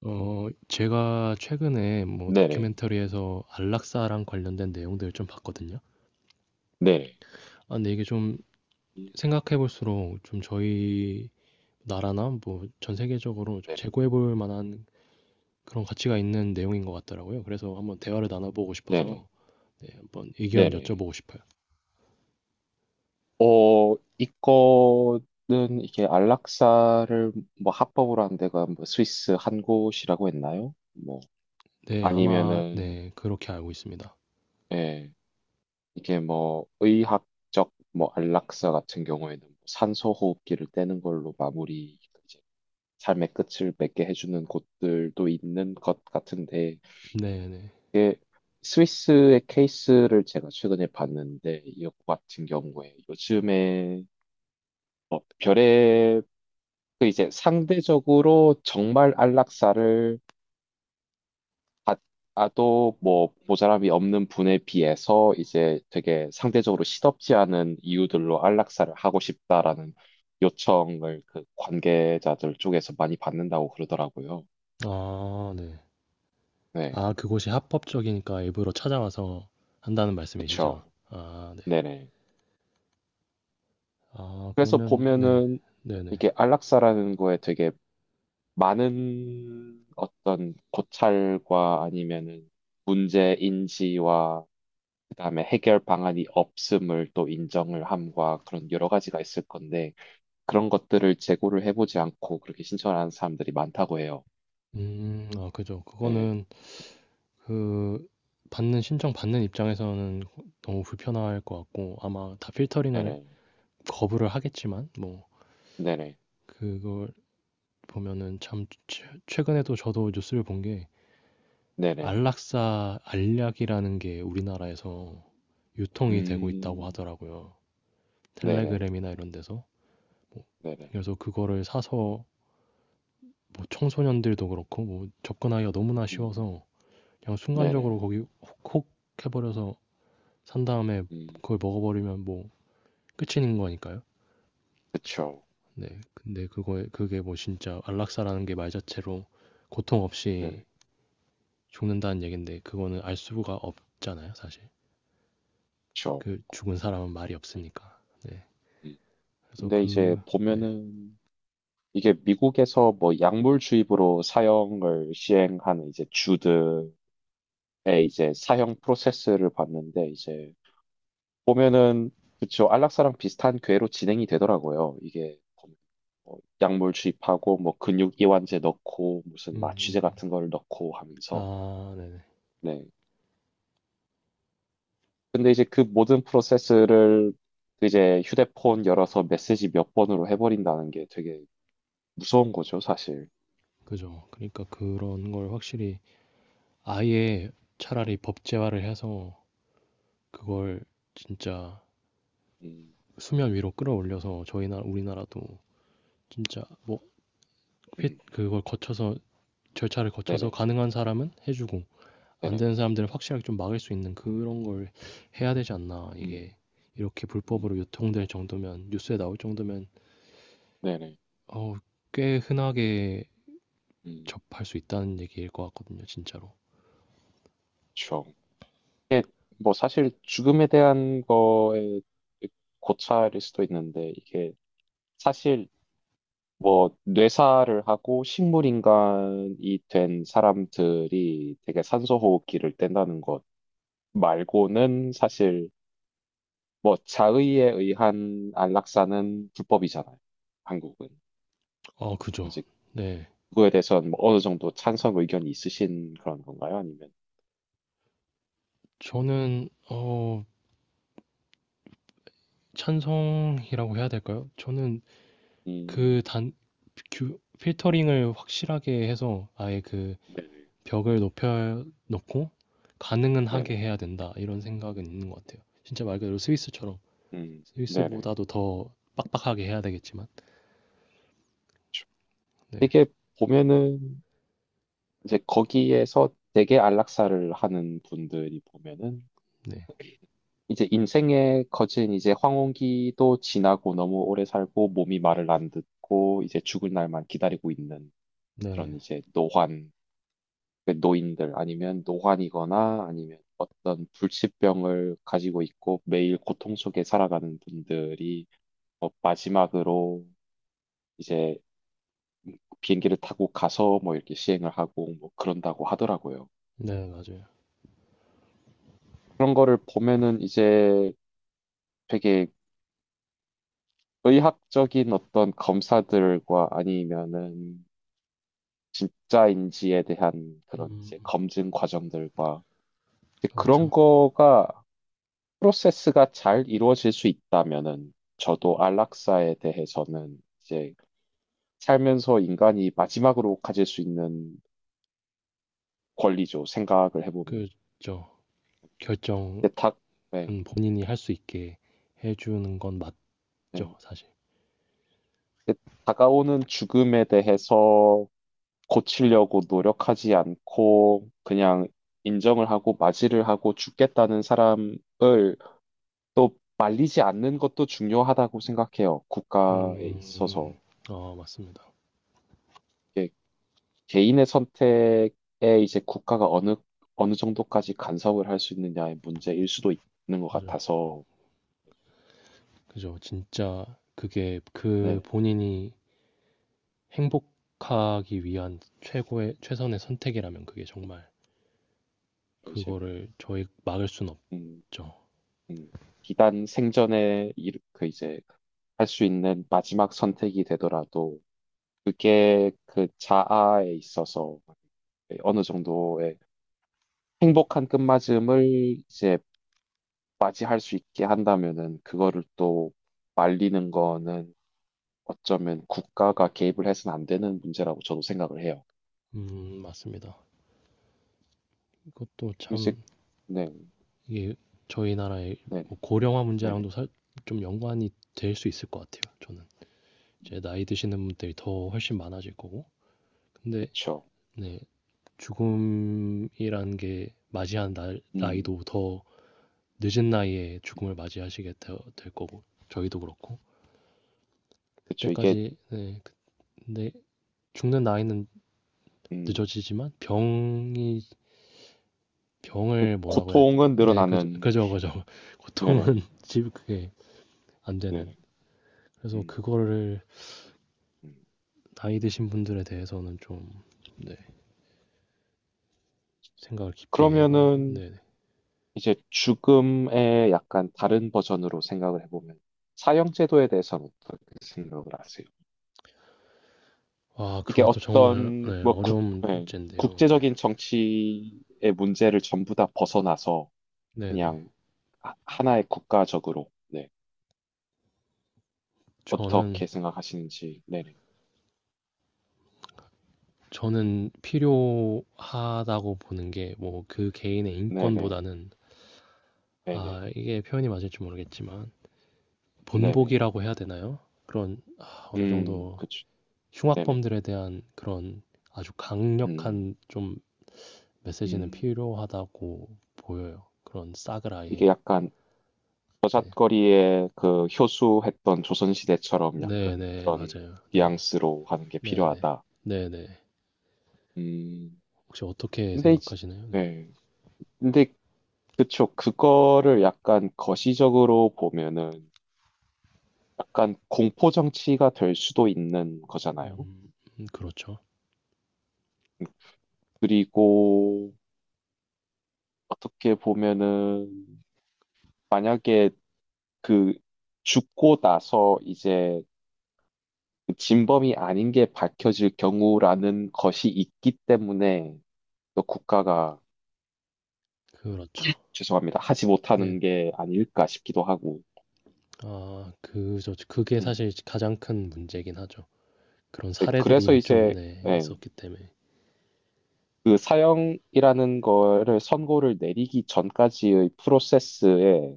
제가 최근에 뭐 네네. 다큐멘터리에서 안락사랑 관련된 내용들을 좀 봤거든요. 네네. 아 근데 이게 좀 생각해 볼수록 좀 저희 나라나 뭐 전 세계적으로 좀 네네. 재고해 볼 만한 그런 가치가 있는 내용인 것 같더라고요. 그래서 한번 대화를 나눠보고 네네. 싶어서 네 한번 의견 네네. 여쭤보고 싶어요. 이거는 이게 안락사를 뭐 합법으로 한 데가 뭐 스위스 한 곳이라고 했나요? 뭐 네 아마 아니면은 네 그렇게 알고 있습니다. 예. 이게 뭐 의학적 뭐 안락사 같은 경우에는 뭐 산소호흡기를 떼는 걸로 마무리 이제 삶의 끝을 맺게 해주는 곳들도 있는 것 같은데 네네. 이게 스위스의 케이스를 제가 최근에 봤는데 이거 같은 경우에 요즘에 어, 별의 그 이제 상대적으로 정말 안락사를 받아도 뭐 모자람이 없는 분에 비해서 이제 되게 상대적으로 시덥지 않은 이유들로 안락사를 하고 싶다라는 요청을 그 관계자들 쪽에서 많이 받는다고 그러더라고요. 아 네. 네, 아 그곳이 합법적이니까 일부러 찾아와서 한다는 말씀이시죠? 그렇죠. 아 네. 네네. 아 그래서 그러면 네. 보면은 네네. 이게 안락사라는 거에 되게 많은 어떤 고찰과 아니면은 문제 인지와 그다음에 해결 방안이 없음을 또 인정을 함과 그런 여러 가지가 있을 건데 그런 것들을 제고를 해보지 않고 그렇게 신청을 하는 사람들이 많다고 해요. 음. 아 그죠. 네, 그거는 그 받는 신청 받는 입장에서는 너무 불편할 것 같고 아마 다 필터링을 네네, 거부를 하겠지만 뭐 네네, 그걸 보면은 참 최 최근에도 저도 뉴스를 본 게 네네, 안락사 알약이라는 게 우리나라에서 유통이 되고 있다고 음, 하더라고요. 네네, 텔레그램이나 이런 데서. 뭐 네네, 그래서 그거를 사서 뭐 청소년들도 그렇고 뭐 접근하기가 너무나 음, 쉬워서 그냥 순간적으로 네네, 거기 혹혹 해버려서 산 다음에 음, 그걸 먹어버리면 뭐 끝인 거니까요. 그쵸, 네. 근데 그거에 그게 뭐 진짜 안락사라는 게 말 자체로 고통 없이 네네, 죽는다는 얘긴데 그거는 알 수가 없잖아요, 사실. 그쵸. 그 죽은 사람은 말이 음. 없으니까. 네. 음. 그래서 근데 이제 그 네. 보면은 이게 미국에서 뭐 약물 주입으로 사형을 시행하는 이제 주들의 이제 사형 프로세스를 봤는데 이제 보면은 그쵸 안락사랑 비슷한 궤로 진행이 되더라고요. 이게 보면 뭐 약물 주입하고 뭐 근육 이완제 넣고 음. 무슨 마취제 음. 같은 걸 넣고 하면서 아, 네네. 네. 근데 이제 그 모든 프로세스를 이제 휴대폰 열어서 메시지 몇 번으로 해버린다는 게 되게 무서운 거죠, 사실. 그죠. 그러니까 그런 걸 확실히 아예 차라리 법제화를 해서 그걸 진짜 음, 수면 위로 끌어올려서 저희 나 우리나라도 진짜 뭐 음, 그걸 거쳐서 절차를 거쳐서 네네, 가능한 사람은 해주고 안 네네. 되는 사람들은 확실하게 좀 막을 수 있는 그런 걸 해야 되지 않나 음, 이게 이렇게 불법으로 음. 유통될 정도면 뉴스에 나올 정도면 네네. 어, 꽤 흔하게 음, 접할 수 있다는 얘기일 것 같거든요 진짜로. 그렇죠. 이게 뭐 사실 죽음에 대한 거에 고찰일 수도 있는데 이게 사실 뭐 뇌사를 하고 식물 인간이 된 사람들이 되게 산소 호흡기를 뗀다는 것 말고는 사실 뭐 자의에 의한 안락사는 불법이잖아요. 한국은. 어 그죠. 이제 네. 그거에 대해서는 뭐 어느 정도 찬성 의견이 있으신 그런 건가요? 아니면 저는 찬성이라고 해야 될까요. 저는 음, 그단 필터링을 확실하게 해서 아예 그 네네. 벽을 높여 놓고 가능은 하게 네네. 해야 된다. 이런 생각은 있는 것 같아요. 진짜 말 그대로 스위스처럼 네네. 스위스보다도 더 빡빡하게 해야 되겠지만. 네. 되게 보면은 이제 거기에서 되게 안락사를 하는 분들이 보면은 네. 이제 인생의 거진 이제 황혼기도 지나고 너무 오래 살고 몸이 말을 안 듣고 이제 죽을 날만 기다리고 있는 그런 네. 이제 노환 그 노인들 아니면 노환이거나 아니면 어떤 불치병을 가지고 있고 매일 고통 속에 살아가는 분들이 뭐 마지막으로 이제 비행기를 타고 가서 뭐 이렇게 시행을 하고 뭐 그런다고 하더라고요. 네, 맞아요. 그런 거를 보면은 이제 되게 의학적인 어떤 검사들과 아니면은 진짜인지에 대한 그런 음, 이제 검증 과정들과 이제 그렇죠. 그런 거가 프로세스가 잘 이루어질 수 있다면은 저도 안락사에 대해서는 이제 살면서 인간이 마지막으로 가질 수 있는 권리죠. 생각을 해보면. 그죠. 결정은 근데 다, 네, 본인이 할 수 있게 해주는 건 네. 맞죠, 사실. 근데 다가오는 죽음에 대해서 고치려고 노력하지 않고 그냥 인정을 하고 맞이를 하고 죽겠다는 사람을 또 말리지 않는 것도 중요하다고 생각해요. 국가에 음, 있어서. 아, 맞습니다. 이게 개인의 선택에 이제 국가가 어느, 어느 정도까지 간섭을 할 수 있느냐의 문제일 수도 있는 것 그죠. 같아서, 그죠. 진짜 그게 그 네. 본인이 행복하기 위한 최고의, 최선의 선택이라면 그게 정말 뭐 이제, 그거를 저희 막을 수는 음, 없죠. 음, 기단 생전에 그 이제 할 수 있는 마지막 선택이 되더라도 그게 그 자아에 있어서 어느 정도의 행복한 끝맞음을 이제 맞이할 수 있게 한다면은 그거를 또 말리는 거는 어쩌면 국가가 개입을 해서는 안 되는 문제라고 저도 생각을 해요. 맞습니다. 이것도 그럼 이제 참 네, 이게 저희 나라의 네, 뭐 고령화 네, 네, 문제랑도 좀 연관이 될 수 있을 것 같아요. 저는 이제 음, 나이 드시는 분들이 더 훨씬 많아질 거고, 근데 그렇죠. 네, 죽음이란 게 맞이한 날, 음, 나이도 더 늦은 나이에 죽음을 맞이하시게 될 거고, 저희도 그렇고 그렇죠. 이게 그때까지 네, 근데 죽는 나이는 음, 늦어지지만 병이 그 병을 뭐라고 해야 돼? 고통은 네, 그죠, 늘어나는 그죠, 그죠. 고통은 네네, 집 그게 안 되는. 네네. 그래서 음, 그거를 음. 나이 드신 분들에 대해서는 좀 네, 생각을 깊게 해봐야 되는데. 그러면은 네. 네. 이제 죽음의 약간 다른 버전으로 생각을 해보면 사형 제도에 대해서는 어떻게 생각을 하세요? 와, 이게 그것도 정말 어떤 네, 뭐 어려운 예, 문제인데요. 네. 국제적인 정치의 문제를 전부 다 벗어나서 네네. 그냥 하나의 국가적으로 네. 저는 어떻게 생각하시는지 네네 저는 필요하다고 보는 게 뭐 그 개인의 네네 인권보다는 네네 아 이게 표현이 맞을지 모르겠지만 네네 본보기라고 해야 되나요? 그런 아, 어느 정도 그쵸 네네 흉악범들에 대한 그런 아주 음, 강력한 좀 메시지는 음. 필요하다고 보여요. 그런 싹을 아예. 이게 약간 네. 저잣거리에 그 효수했던 조선시대처럼 약간 네네, 그런 맞아요. 네. 뉘앙스로 하는 게 네네. 필요하다 네네. 음 혹시 어떻게 근데 이제 생각하시나요? 네. 네 근데 그쵸. 그거를 약간 거시적으로 보면은 약간 공포 정치가 될 수도 있는 거잖아요. 음, 그렇죠. 그리고 어떻게 보면은 만약에 그 죽고 나서 이제 그 진범이 아닌 게 밝혀질 경우라는 것이 있기 때문에 또 국가가 그렇죠. 죄송합니다. 하지 네. 못하는 게 아닐까 싶기도 하고. 아, 그, 저, 그게 음. 사실 가장 큰 문제긴 하죠. 그런 네, 사례들이 그래서 이미 좀, 이제 네, 예. 있었기 때문에. 그 사형이라는 거를 선고를 내리기 전까지의 프로세스에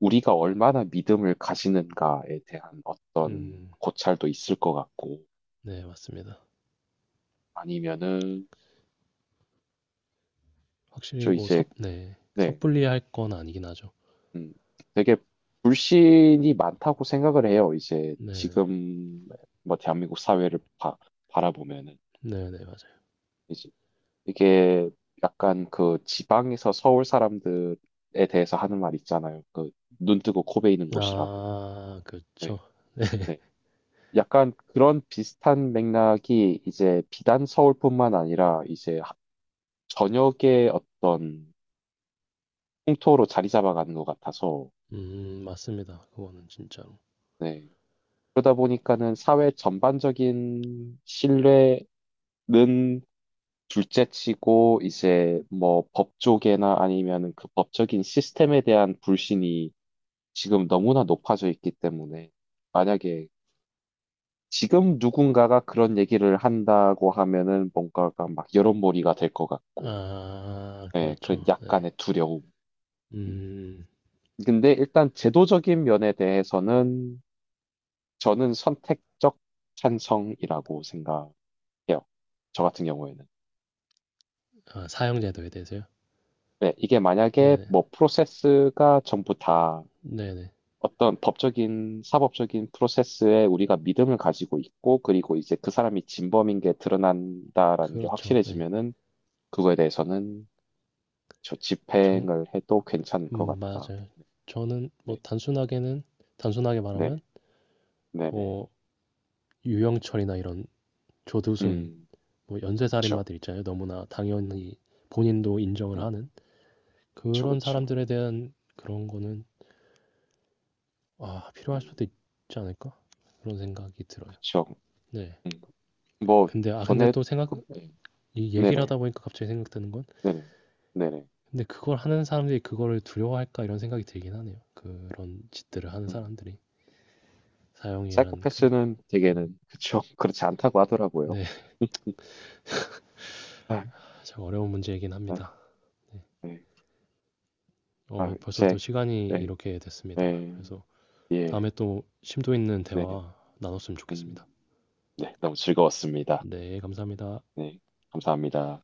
우리가 얼마나 믿음을 가지는가에 대한 어떤 음, 고찰도 있을 것 같고, 네, 맞습니다. 아니면은, 확실히 저 뭐 이제, 섣, 네, 네, 섣불리 할 건 아니긴 하죠. 음, 되게 불신이 많다고 생각을 해요. 이제 네, 지금, 뭐, 대한민국 사회를 바라보면은. 네, 네, 맞아요. 이제 이게 약간 그 지방에서 서울 사람들에 대해서 하는 말 있잖아요. 그 눈 뜨고 코 베이는 곳이라고. 아, 그쵸. 네. 네. 약간 그런 비슷한 맥락이 이제 비단 서울뿐만 아니라 이제 전역의 어떤 풍토로 자리 잡아가는 것 같아서, 맞습니다. 그거는 진짜로. 네. 그러다 보니까는 사회 전반적인 신뢰는 둘째치고 이제 뭐 법 쪽에나 아니면 그 법적인 시스템에 대한 불신이 지금 너무나 높아져 있기 때문에 만약에 지금 누군가가 그런 얘기를 한다고 하면은 뭔가가 막 여론몰이가 될 것 같고 아, 네, 그런 그렇죠. 네. 약간의 두려움. 음, 근데 일단 제도적인 면에 대해서는 저는 선택적 찬성이라고 생각해요. 저 같은 경우에는. 아, 사형제도에 대해서요? 네, 이게 만약에 네네. 뭐 프로세스가 전부 다 네네. 어떤 법적인, 사법적인 프로세스에 우리가 믿음을 가지고 있고, 그리고 이제 그 사람이 진범인 게 드러난다라는 게 그렇죠. 네. 확실해지면은 그거에 대해서는 저 정, 집행을 해도 괜찮을 것 같다. 맞아요. 저는 뭐 네, 단순하게는, 단순하게 말하면, 네, 네, 네. 네. 뭐, 유영철이나 이런 조두순, 음, 뭐, 그렇죠. 연쇄살인마들 있잖아요. 너무나 당연히 본인도 인정을 하는 그쵸, 그런 그쵸. 사람들에 대한 그런 거는, 아, 필요할 음, 수도 있지 않을까? 그런 생각이 들어요. 그쵸. 네. 음, 뭐, 근데 아 근데 전에, 또 생각 네. 이 얘기를 네네, 하다 보니까 갑자기 생각드는 건 네네, 네네. 근데 그걸 하는 사람들이 그거를 두려워할까 이런 생각이 들긴 하네요. 그런 짓들을 하는 음, 사람들이 사형이란 그 사이코패스는 되게는, 그쵸. 그렇지 않다고 하더라고요. 네, 아, 참 어려운 문제이긴 합니다. 아, 네. 네. 어, 아, 벌써 또 제, 시간이 네, 이렇게 됐습니다. 네, 그래서 예, 다음에 또 심도 있는 네네. 대화 나눴으면 좋겠습니다. 음, 네, 너무 즐거웠습니다. 네, 감사합니다. 네, 감사합니다.